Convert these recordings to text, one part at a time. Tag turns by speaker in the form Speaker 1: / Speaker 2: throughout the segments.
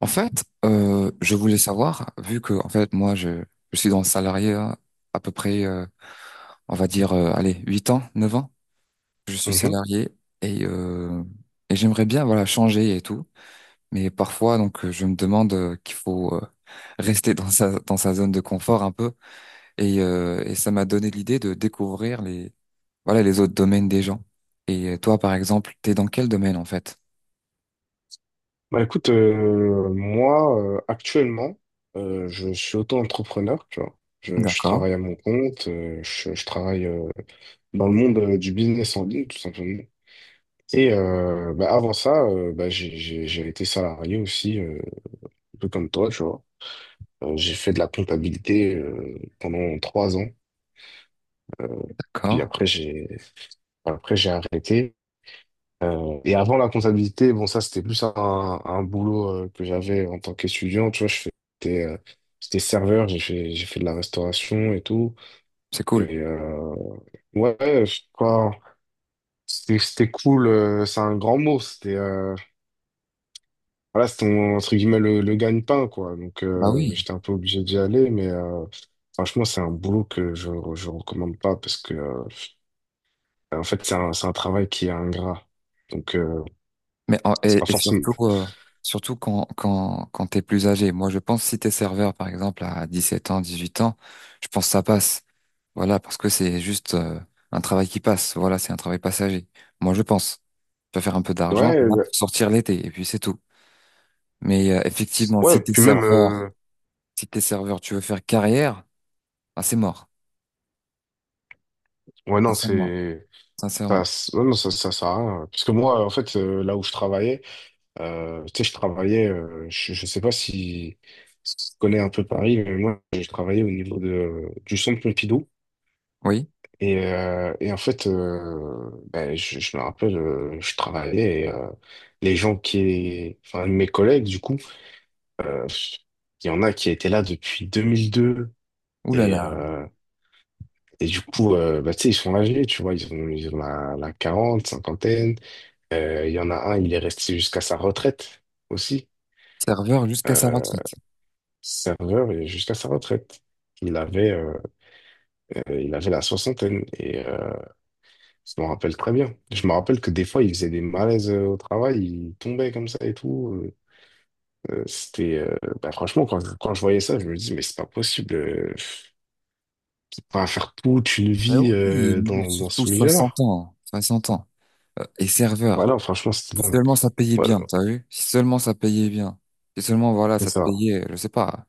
Speaker 1: En fait, je voulais savoir, vu que en fait moi je suis dans le salarié hein, à peu près, on va dire, allez, 8 ans, 9 ans, je suis
Speaker 2: Mhm.
Speaker 1: salarié et euh, et j'aimerais bien voilà changer et tout, mais parfois donc je me demande qu'il faut rester dans sa zone de confort un peu et ça m'a donné l'idée de découvrir les voilà les autres domaines des gens. Et toi par exemple, t'es dans quel domaine en fait?
Speaker 2: Moi actuellement, je suis auto-entrepreneur, tu vois. Je
Speaker 1: D'accord.
Speaker 2: travaille à mon compte, je travaille dans le monde du business en ligne, tout simplement. Et avant ça, j'ai été salarié aussi, un peu comme toi, tu vois. J'ai fait de la comptabilité pendant trois ans. Euh, puis
Speaker 1: D'accord,
Speaker 2: après j'ai arrêté. Et avant la comptabilité, bon, ça, c'était plus un boulot que j'avais en tant qu'étudiant. Tu vois, je faisais, j'étais serveur, j'ai fait de la restauration et tout.
Speaker 1: c'est cool.
Speaker 2: Et ouais, je crois, c'était cool. C'est un grand mot. C'était voilà, c'était entre guillemets le gagne-pain, quoi. Donc,
Speaker 1: Bah oui.
Speaker 2: j'étais un peu obligé d'y aller. Mais franchement, c'est un boulot que je recommande pas parce que, en fait, c'est c'est un travail qui est ingrat. Donc,
Speaker 1: Mais
Speaker 2: c'est
Speaker 1: et,
Speaker 2: pas
Speaker 1: et
Speaker 2: forcément.
Speaker 1: surtout, surtout quand t'es plus âgé. Moi, je pense si t'es serveur, par exemple, à 17 ans, 18 ans, je pense que ça passe. Voilà, parce que c'est juste un travail qui passe. Voilà, c'est un travail passager. Moi, je pense. Tu vas faire un peu d'argent
Speaker 2: Ouais,
Speaker 1: pour
Speaker 2: ouais.
Speaker 1: sortir l'été, et puis c'est tout. Mais effectivement,
Speaker 2: Ouais,
Speaker 1: si t'es
Speaker 2: puis même.
Speaker 1: serveur, si t'es serveur, tu veux faire carrière, ah, c'est mort.
Speaker 2: Ouais, non,
Speaker 1: Sincèrement.
Speaker 2: c'est. Ça,
Speaker 1: Sincèrement.
Speaker 2: ouais, non, ça sert à rien, hein. Parce que moi, en fait, là où je travaillais, tu sais, je travaillais, je sais pas si, si tu connais un peu Paris, mais moi, j'ai travaillé au niveau du centre Pompidou.
Speaker 1: Oui.
Speaker 2: Et, en fait, je me rappelle, je travaillais, les gens qui. Enfin, mes collègues, du coup, euh, il y en a qui étaient là depuis 2002.
Speaker 1: Ouh là
Speaker 2: Et,
Speaker 1: là.
Speaker 2: du coup, tu sais, ils sont âgés, tu vois, ils ont la 40, cinquantaine. Il y en a un, il est resté jusqu'à sa retraite aussi.
Speaker 1: Serveur jusqu'à sa
Speaker 2: Euh,
Speaker 1: retraite.
Speaker 2: Serveur et jusqu'à sa retraite. Il avait, euh, il avait la soixantaine et je m'en rappelle très bien. Je me rappelle que des fois, il faisait des malaises au travail, il tombait comme ça et tout. C'était, franchement, quand je voyais ça, je me dis, mais c'est pas possible. Faut pas faire toute une
Speaker 1: Ben
Speaker 2: vie
Speaker 1: oui,
Speaker 2: dans
Speaker 1: surtout
Speaker 2: ce
Speaker 1: 60
Speaker 2: milieu-là.
Speaker 1: ans. 60 ans. Et serveur.
Speaker 2: Voilà, franchement, c'était
Speaker 1: Si
Speaker 2: dingue.
Speaker 1: seulement ça payait
Speaker 2: Ouais,
Speaker 1: bien, t'as vu? Si seulement ça payait bien. Si seulement, voilà,
Speaker 2: c'est
Speaker 1: ça te
Speaker 2: ça.
Speaker 1: payait, je sais pas,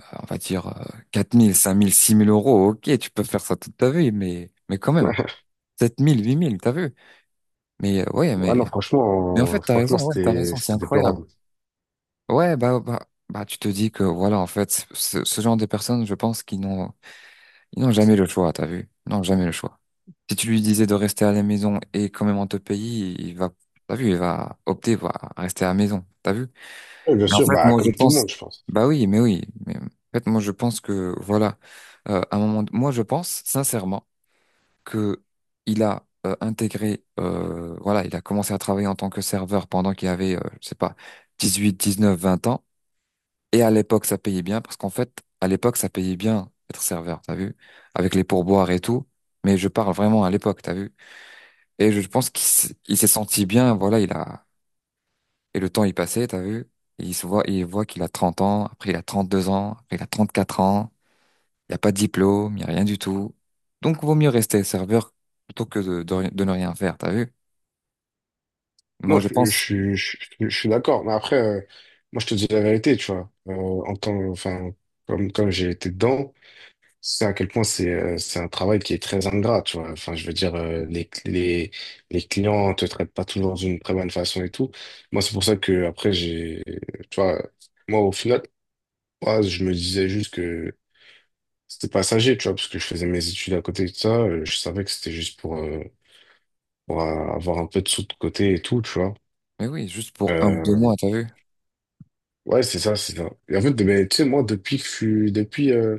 Speaker 1: on va dire 4 000, 5 000, 6 000 euros, ok, tu peux faire ça toute ta vie, mais quand même, 7 000, 8 000, t'as vu? Mais ouais,
Speaker 2: Ouais,
Speaker 1: mais,
Speaker 2: non,
Speaker 1: mais en fait, t'as raison,
Speaker 2: franchement,
Speaker 1: ouais, t'as
Speaker 2: c'était,
Speaker 1: raison, c'est
Speaker 2: c'était
Speaker 1: incroyable.
Speaker 2: déplorable.
Speaker 1: Ouais, bah, tu te dis que, voilà, en fait, ce genre de personnes, je pense qu'ils n'ont jamais le choix, t'as vu? Ils n'ont jamais le choix. Si tu lui disais de rester à la maison et quand même on te paye, il va, t'as vu, il va opter pour rester à la maison, t'as vu?
Speaker 2: Oui, bien
Speaker 1: Mais en
Speaker 2: sûr,
Speaker 1: fait,
Speaker 2: bah,
Speaker 1: moi, je
Speaker 2: comme tout le
Speaker 1: pense,
Speaker 2: monde, je pense.
Speaker 1: bah oui, mais en fait, moi, je pense que, voilà, à un moment, moi, je pense sincèrement que il a intégré, voilà, il a commencé à travailler en tant que serveur pendant qu'il avait, je sais pas, 18, 19, 20 ans. Et à l'époque, ça payait bien parce qu'en fait, à l'époque, ça payait bien être serveur, t'as vu, avec les pourboires et tout. Mais je parle vraiment à l'époque, t'as vu. Et je pense qu'il s- il s'est senti bien, voilà, il a, et le temps, il passait, t'as vu? Et il se voit, il voit qu'il a 30 ans, après il a 32 ans, après il a 34 ans, il n'y a pas de diplôme, il n'y a rien du tout. Donc, vaut mieux rester serveur plutôt que de ne rien faire, t'as vu? Moi,
Speaker 2: Non,
Speaker 1: je pense,
Speaker 2: je suis d'accord. Mais après, moi, je te dis la vérité, tu vois. Enfin, comme j'ai été dedans, c'est à quel point c'est un travail qui est très ingrat, tu vois. Enfin, je veux dire, les clients te traitent pas toujours d'une très bonne façon et tout. Moi, c'est pour ça que, après, tu vois, moi, au final, moi, je me disais juste que c'était passager, tu vois, parce que je faisais mes études à côté de ça. Je savais que c'était juste pour, avoir un peu de sous de côté et tout, tu vois.
Speaker 1: mais oui, juste pour un ou deux
Speaker 2: Euh,
Speaker 1: mois, t'as vu?
Speaker 2: ouais, c'est ça, c'est ça. Et en fait, ben, tu sais, moi, depuis que je suis, depuis,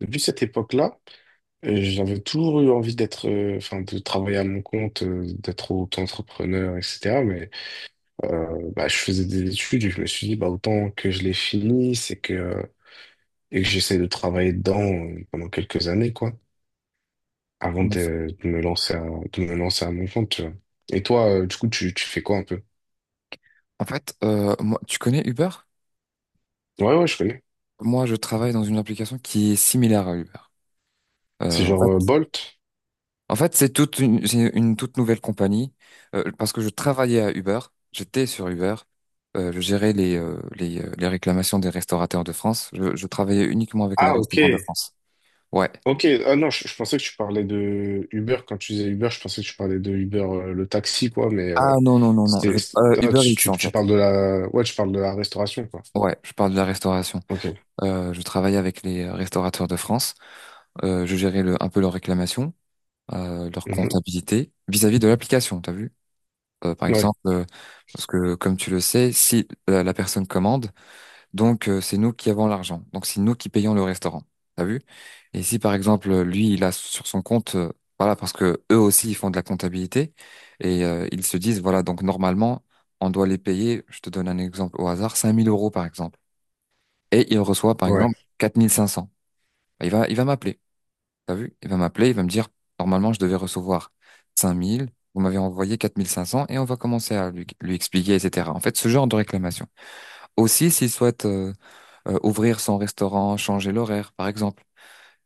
Speaker 2: depuis cette époque-là, j'avais toujours eu envie d'être, enfin, de travailler à mon compte, d'être auto-entrepreneur, etc. Mais je faisais des études et je me suis dit, bah, autant que je les finisse et que j'essaie de travailler dedans pendant quelques années, quoi, avant
Speaker 1: Bon,
Speaker 2: de me lancer à, de me lancer à mon compte, tu vois. Et toi, du coup, tu fais quoi un peu?
Speaker 1: en fait, moi, tu connais Uber?
Speaker 2: Ouais, ouais, je connais.
Speaker 1: Moi, je travaille dans une application qui est similaire à Uber. Euh,
Speaker 2: C'est
Speaker 1: en
Speaker 2: genre
Speaker 1: fait,
Speaker 2: Bolt.
Speaker 1: En fait, c'est une toute nouvelle compagnie parce que je travaillais à Uber, j'étais sur Uber, je gérais les réclamations des restaurateurs de France. Je travaillais uniquement avec les
Speaker 2: Ah, ok.
Speaker 1: restaurants de France. Ouais.
Speaker 2: Ok, ah non, je pensais que tu parlais de Uber. Quand tu disais Uber, je pensais que tu parlais de Uber, le taxi, quoi, mais
Speaker 1: Ah non, non, non, non.
Speaker 2: c'était, c'est- ah,
Speaker 1: Uber Eats en
Speaker 2: tu
Speaker 1: fait.
Speaker 2: parles de la... Ouais, tu parles de la restauration, quoi.
Speaker 1: Ouais, je parle de la restauration.
Speaker 2: Ok.
Speaker 1: Je travaillais avec les restaurateurs de France. Je gérais un peu leurs réclamations, leur
Speaker 2: Mhm.
Speaker 1: comptabilité vis-à-vis de l'application, t'as vu? Par
Speaker 2: Ouais,
Speaker 1: exemple, parce que comme tu le sais, si la personne commande, Donc, c'est nous qui avons l'argent. Donc, c'est nous qui payons le restaurant. T'as vu? Et si, par exemple, lui, il a sur son compte, voilà, parce que eux aussi, ils font de la comptabilité et ils se disent, voilà, donc normalement, on doit les payer, je te donne un exemple au hasard, 5 000 euros, par exemple. Et il reçoit, par
Speaker 2: ouais.
Speaker 1: exemple, 4 500. Il va m'appeler. T'as vu? Il va m'appeler, il va me dire, normalement, je devais recevoir cinq mille. Vous m'avez envoyé 4 500 et on va commencer à lui expliquer, etc. En fait, ce genre de réclamation. Aussi, s'il souhaite ouvrir son restaurant, changer l'horaire, par exemple.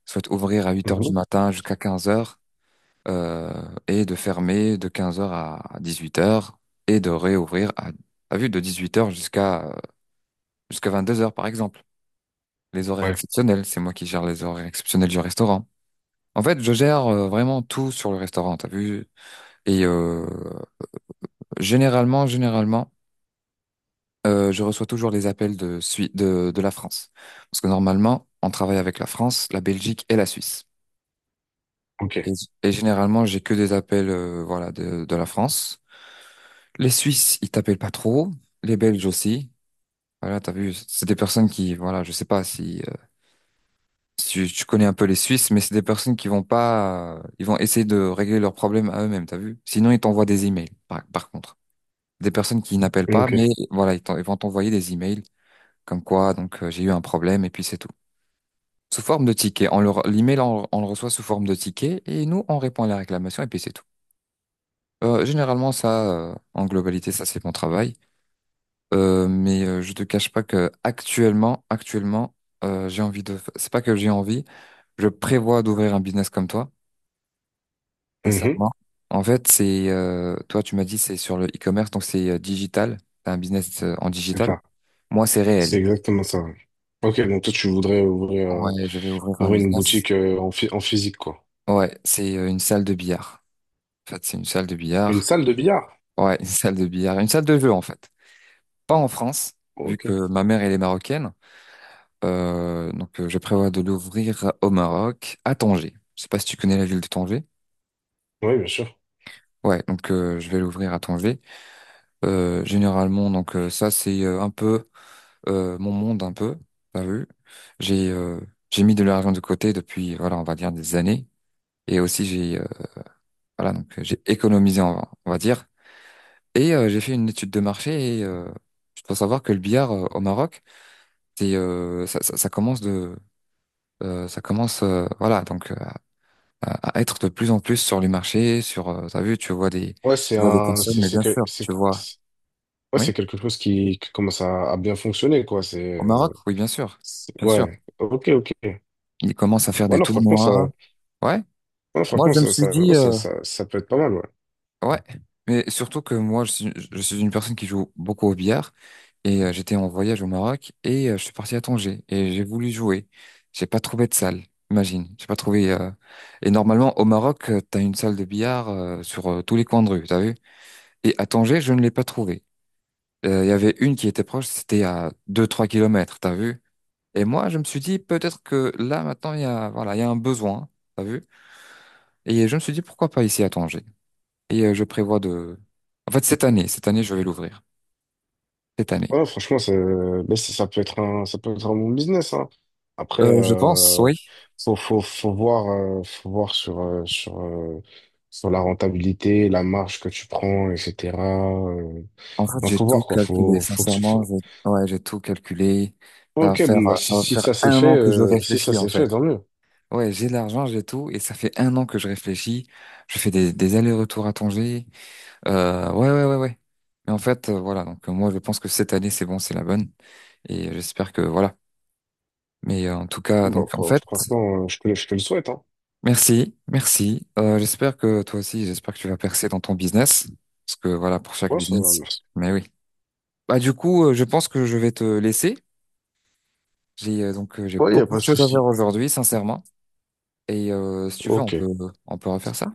Speaker 1: Soit ouvrir à 8 heures du
Speaker 2: Mhm.
Speaker 1: matin jusqu'à 15 heures euh, et de fermer de 15 heures à 18 heures et de réouvrir à vue de 18 heures jusqu'à 2 heures, par exemple. Les horaires
Speaker 2: Ouais,
Speaker 1: exceptionnels, c'est moi qui gère les horaires exceptionnels du restaurant. En fait, je gère vraiment tout sur le restaurant, t'as vu? Et généralement, je reçois toujours les appels de la France. Parce que normalement, on travaille avec la France, la Belgique et la Suisse.
Speaker 2: ok.
Speaker 1: Et, et généralement, j'ai que des appels, voilà, de la France. Les Suisses, ils t'appellent pas trop. Les Belges aussi. Voilà, t'as vu, c'est des personnes qui, voilà, je sais pas si tu connais un peu les Suisses, mais c'est des personnes qui vont pas, ils vont essayer de régler leurs problèmes à eux-mêmes, t'as vu? Sinon, ils t'envoient des emails, par contre. Des personnes qui n'appellent pas,
Speaker 2: Ok.
Speaker 1: mais voilà, ils vont t'envoyer des emails comme quoi, donc, j'ai eu un problème et puis c'est tout. Sous forme de ticket. On leur, l'email, on le reçoit sous forme de ticket et nous, on répond à la réclamation et puis c'est tout. Généralement, en globalité, ça c'est mon travail. Mais je te cache pas que actuellement, j'ai envie de. C'est pas que j'ai envie. Je prévois d'ouvrir un business comme toi,
Speaker 2: Mhm.
Speaker 1: sincèrement. En fait, c'est toi, tu m'as dit, c'est sur le e-commerce, donc c'est digital. C'est un business en
Speaker 2: C'est
Speaker 1: digital.
Speaker 2: ça.
Speaker 1: Moi, c'est
Speaker 2: C'est
Speaker 1: réel.
Speaker 2: exactement ça, ouais. Ok, donc toi, tu voudrais ouvrir,
Speaker 1: Ouais, je vais ouvrir un
Speaker 2: ouvrir une
Speaker 1: business.
Speaker 2: boutique en physique, quoi.
Speaker 1: Ouais, c'est une salle de billard. En fait, c'est une salle de
Speaker 2: Une
Speaker 1: billard.
Speaker 2: salle de billard?
Speaker 1: Ouais, une salle de billard, une salle de jeu en fait. Pas en France, vu
Speaker 2: Ok.
Speaker 1: que ma mère elle est marocaine. Donc, je prévois de l'ouvrir au Maroc, à Tanger. Je sais pas si tu connais la ville de Tanger.
Speaker 2: Oui, bien sûr.
Speaker 1: Ouais, donc je vais l'ouvrir à Tanger. Généralement, donc ça c'est un peu mon monde un peu. T'as vu? J'ai euh, j'ai mis de l'argent de côté depuis voilà on va dire des années et aussi j'ai voilà donc j'ai économisé on va dire et j'ai fait une étude de marché et je dois savoir que le billard au Maroc c'est ça commence voilà donc à être de plus en plus sur les marchés, sur, t'as vu, tu vois des,
Speaker 2: Ouais, c'est
Speaker 1: tu vois des
Speaker 2: un...
Speaker 1: personnes, mais
Speaker 2: C'est
Speaker 1: bien
Speaker 2: que...
Speaker 1: sûr, tu vois,
Speaker 2: c'est- Ouais,
Speaker 1: oui,
Speaker 2: c'est quelque chose qui commence à bien fonctionner, quoi.
Speaker 1: au Maroc,
Speaker 2: Euh,
Speaker 1: oui, bien sûr, bien sûr.
Speaker 2: Ouais, ok, ok.
Speaker 1: Ils commencent à faire
Speaker 2: Ouais,
Speaker 1: des
Speaker 2: non,
Speaker 1: tournois, ouais.
Speaker 2: ouais,
Speaker 1: Moi,
Speaker 2: franchement,
Speaker 1: je me suis dit,
Speaker 2: ouais, ça peut être pas mal, ouais.
Speaker 1: ouais, mais surtout que moi, je suis une personne qui joue beaucoup au billard et j'étais en voyage au Maroc et je suis parti à Tanger et j'ai voulu jouer. J'ai pas trouvé de salle, imagine, j'ai pas trouvé. Et normalement, au Maroc, t'as une salle de billard sur tous les coins de rue, t'as vu? Et à Tanger, je ne l'ai pas trouvé. Il y avait une qui était proche, c'était à deux-trois kilomètres, t'as vu? Et moi, je me suis dit, peut-être que là, maintenant, il y a, voilà, il y a un besoin, t'as vu? Et je me suis dit, pourquoi pas ici à Tanger? Et je prévois de... En fait, cette année, je vais l'ouvrir. Cette année.
Speaker 2: Ouais, non, franchement, ça peut être ça peut être un bon business, hein. Après,
Speaker 1: Je pense, oui.
Speaker 2: faut voir, euh, faut voir sur, euh, sur, euh, sur la rentabilité, la marge que tu prends, etc. Euh,
Speaker 1: En fait,
Speaker 2: non,
Speaker 1: j'ai
Speaker 2: faut
Speaker 1: tout
Speaker 2: voir, quoi.
Speaker 1: calculé, sincèrement.
Speaker 2: Faut...
Speaker 1: Ouais, j'ai tout calculé. Ça va
Speaker 2: Ok,
Speaker 1: faire,
Speaker 2: bon,
Speaker 1: euh,
Speaker 2: bah,
Speaker 1: ça
Speaker 2: si,
Speaker 1: va
Speaker 2: si
Speaker 1: faire
Speaker 2: ça s'est
Speaker 1: un
Speaker 2: fait,
Speaker 1: an que je réfléchis, en fait.
Speaker 2: tant mieux.
Speaker 1: Ouais, j'ai l'argent, j'ai tout, et ça fait un an que je réfléchis. Je fais des allers-retours à Tanger. Ouais, ouais, ouais, ouais. Mais en fait, voilà, donc moi je pense que cette année c'est bon, c'est la bonne. Et j'espère que voilà. Mais en tout cas, donc
Speaker 2: Bon,
Speaker 1: en fait,
Speaker 2: franchement, je te le souhaite, hein.
Speaker 1: merci, merci. J'espère que toi aussi, j'espère que tu vas percer dans ton business. Parce que voilà, pour chaque
Speaker 2: Ouais, ça va,
Speaker 1: business.
Speaker 2: merci.
Speaker 1: Mais oui. Bah du coup, je pense que je vais te laisser. J'ai donc j'ai
Speaker 2: Ouais, y a
Speaker 1: beaucoup
Speaker 2: pas de
Speaker 1: de choses à faire
Speaker 2: souci.
Speaker 1: aujourd'hui, sincèrement. Et si tu veux, on
Speaker 2: Ok.
Speaker 1: peut refaire ça.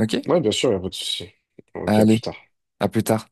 Speaker 1: Ok?
Speaker 2: Ouais, bien sûr, il n'y a pas de souci. Ok, à
Speaker 1: Allez,
Speaker 2: plus tard.
Speaker 1: à plus tard.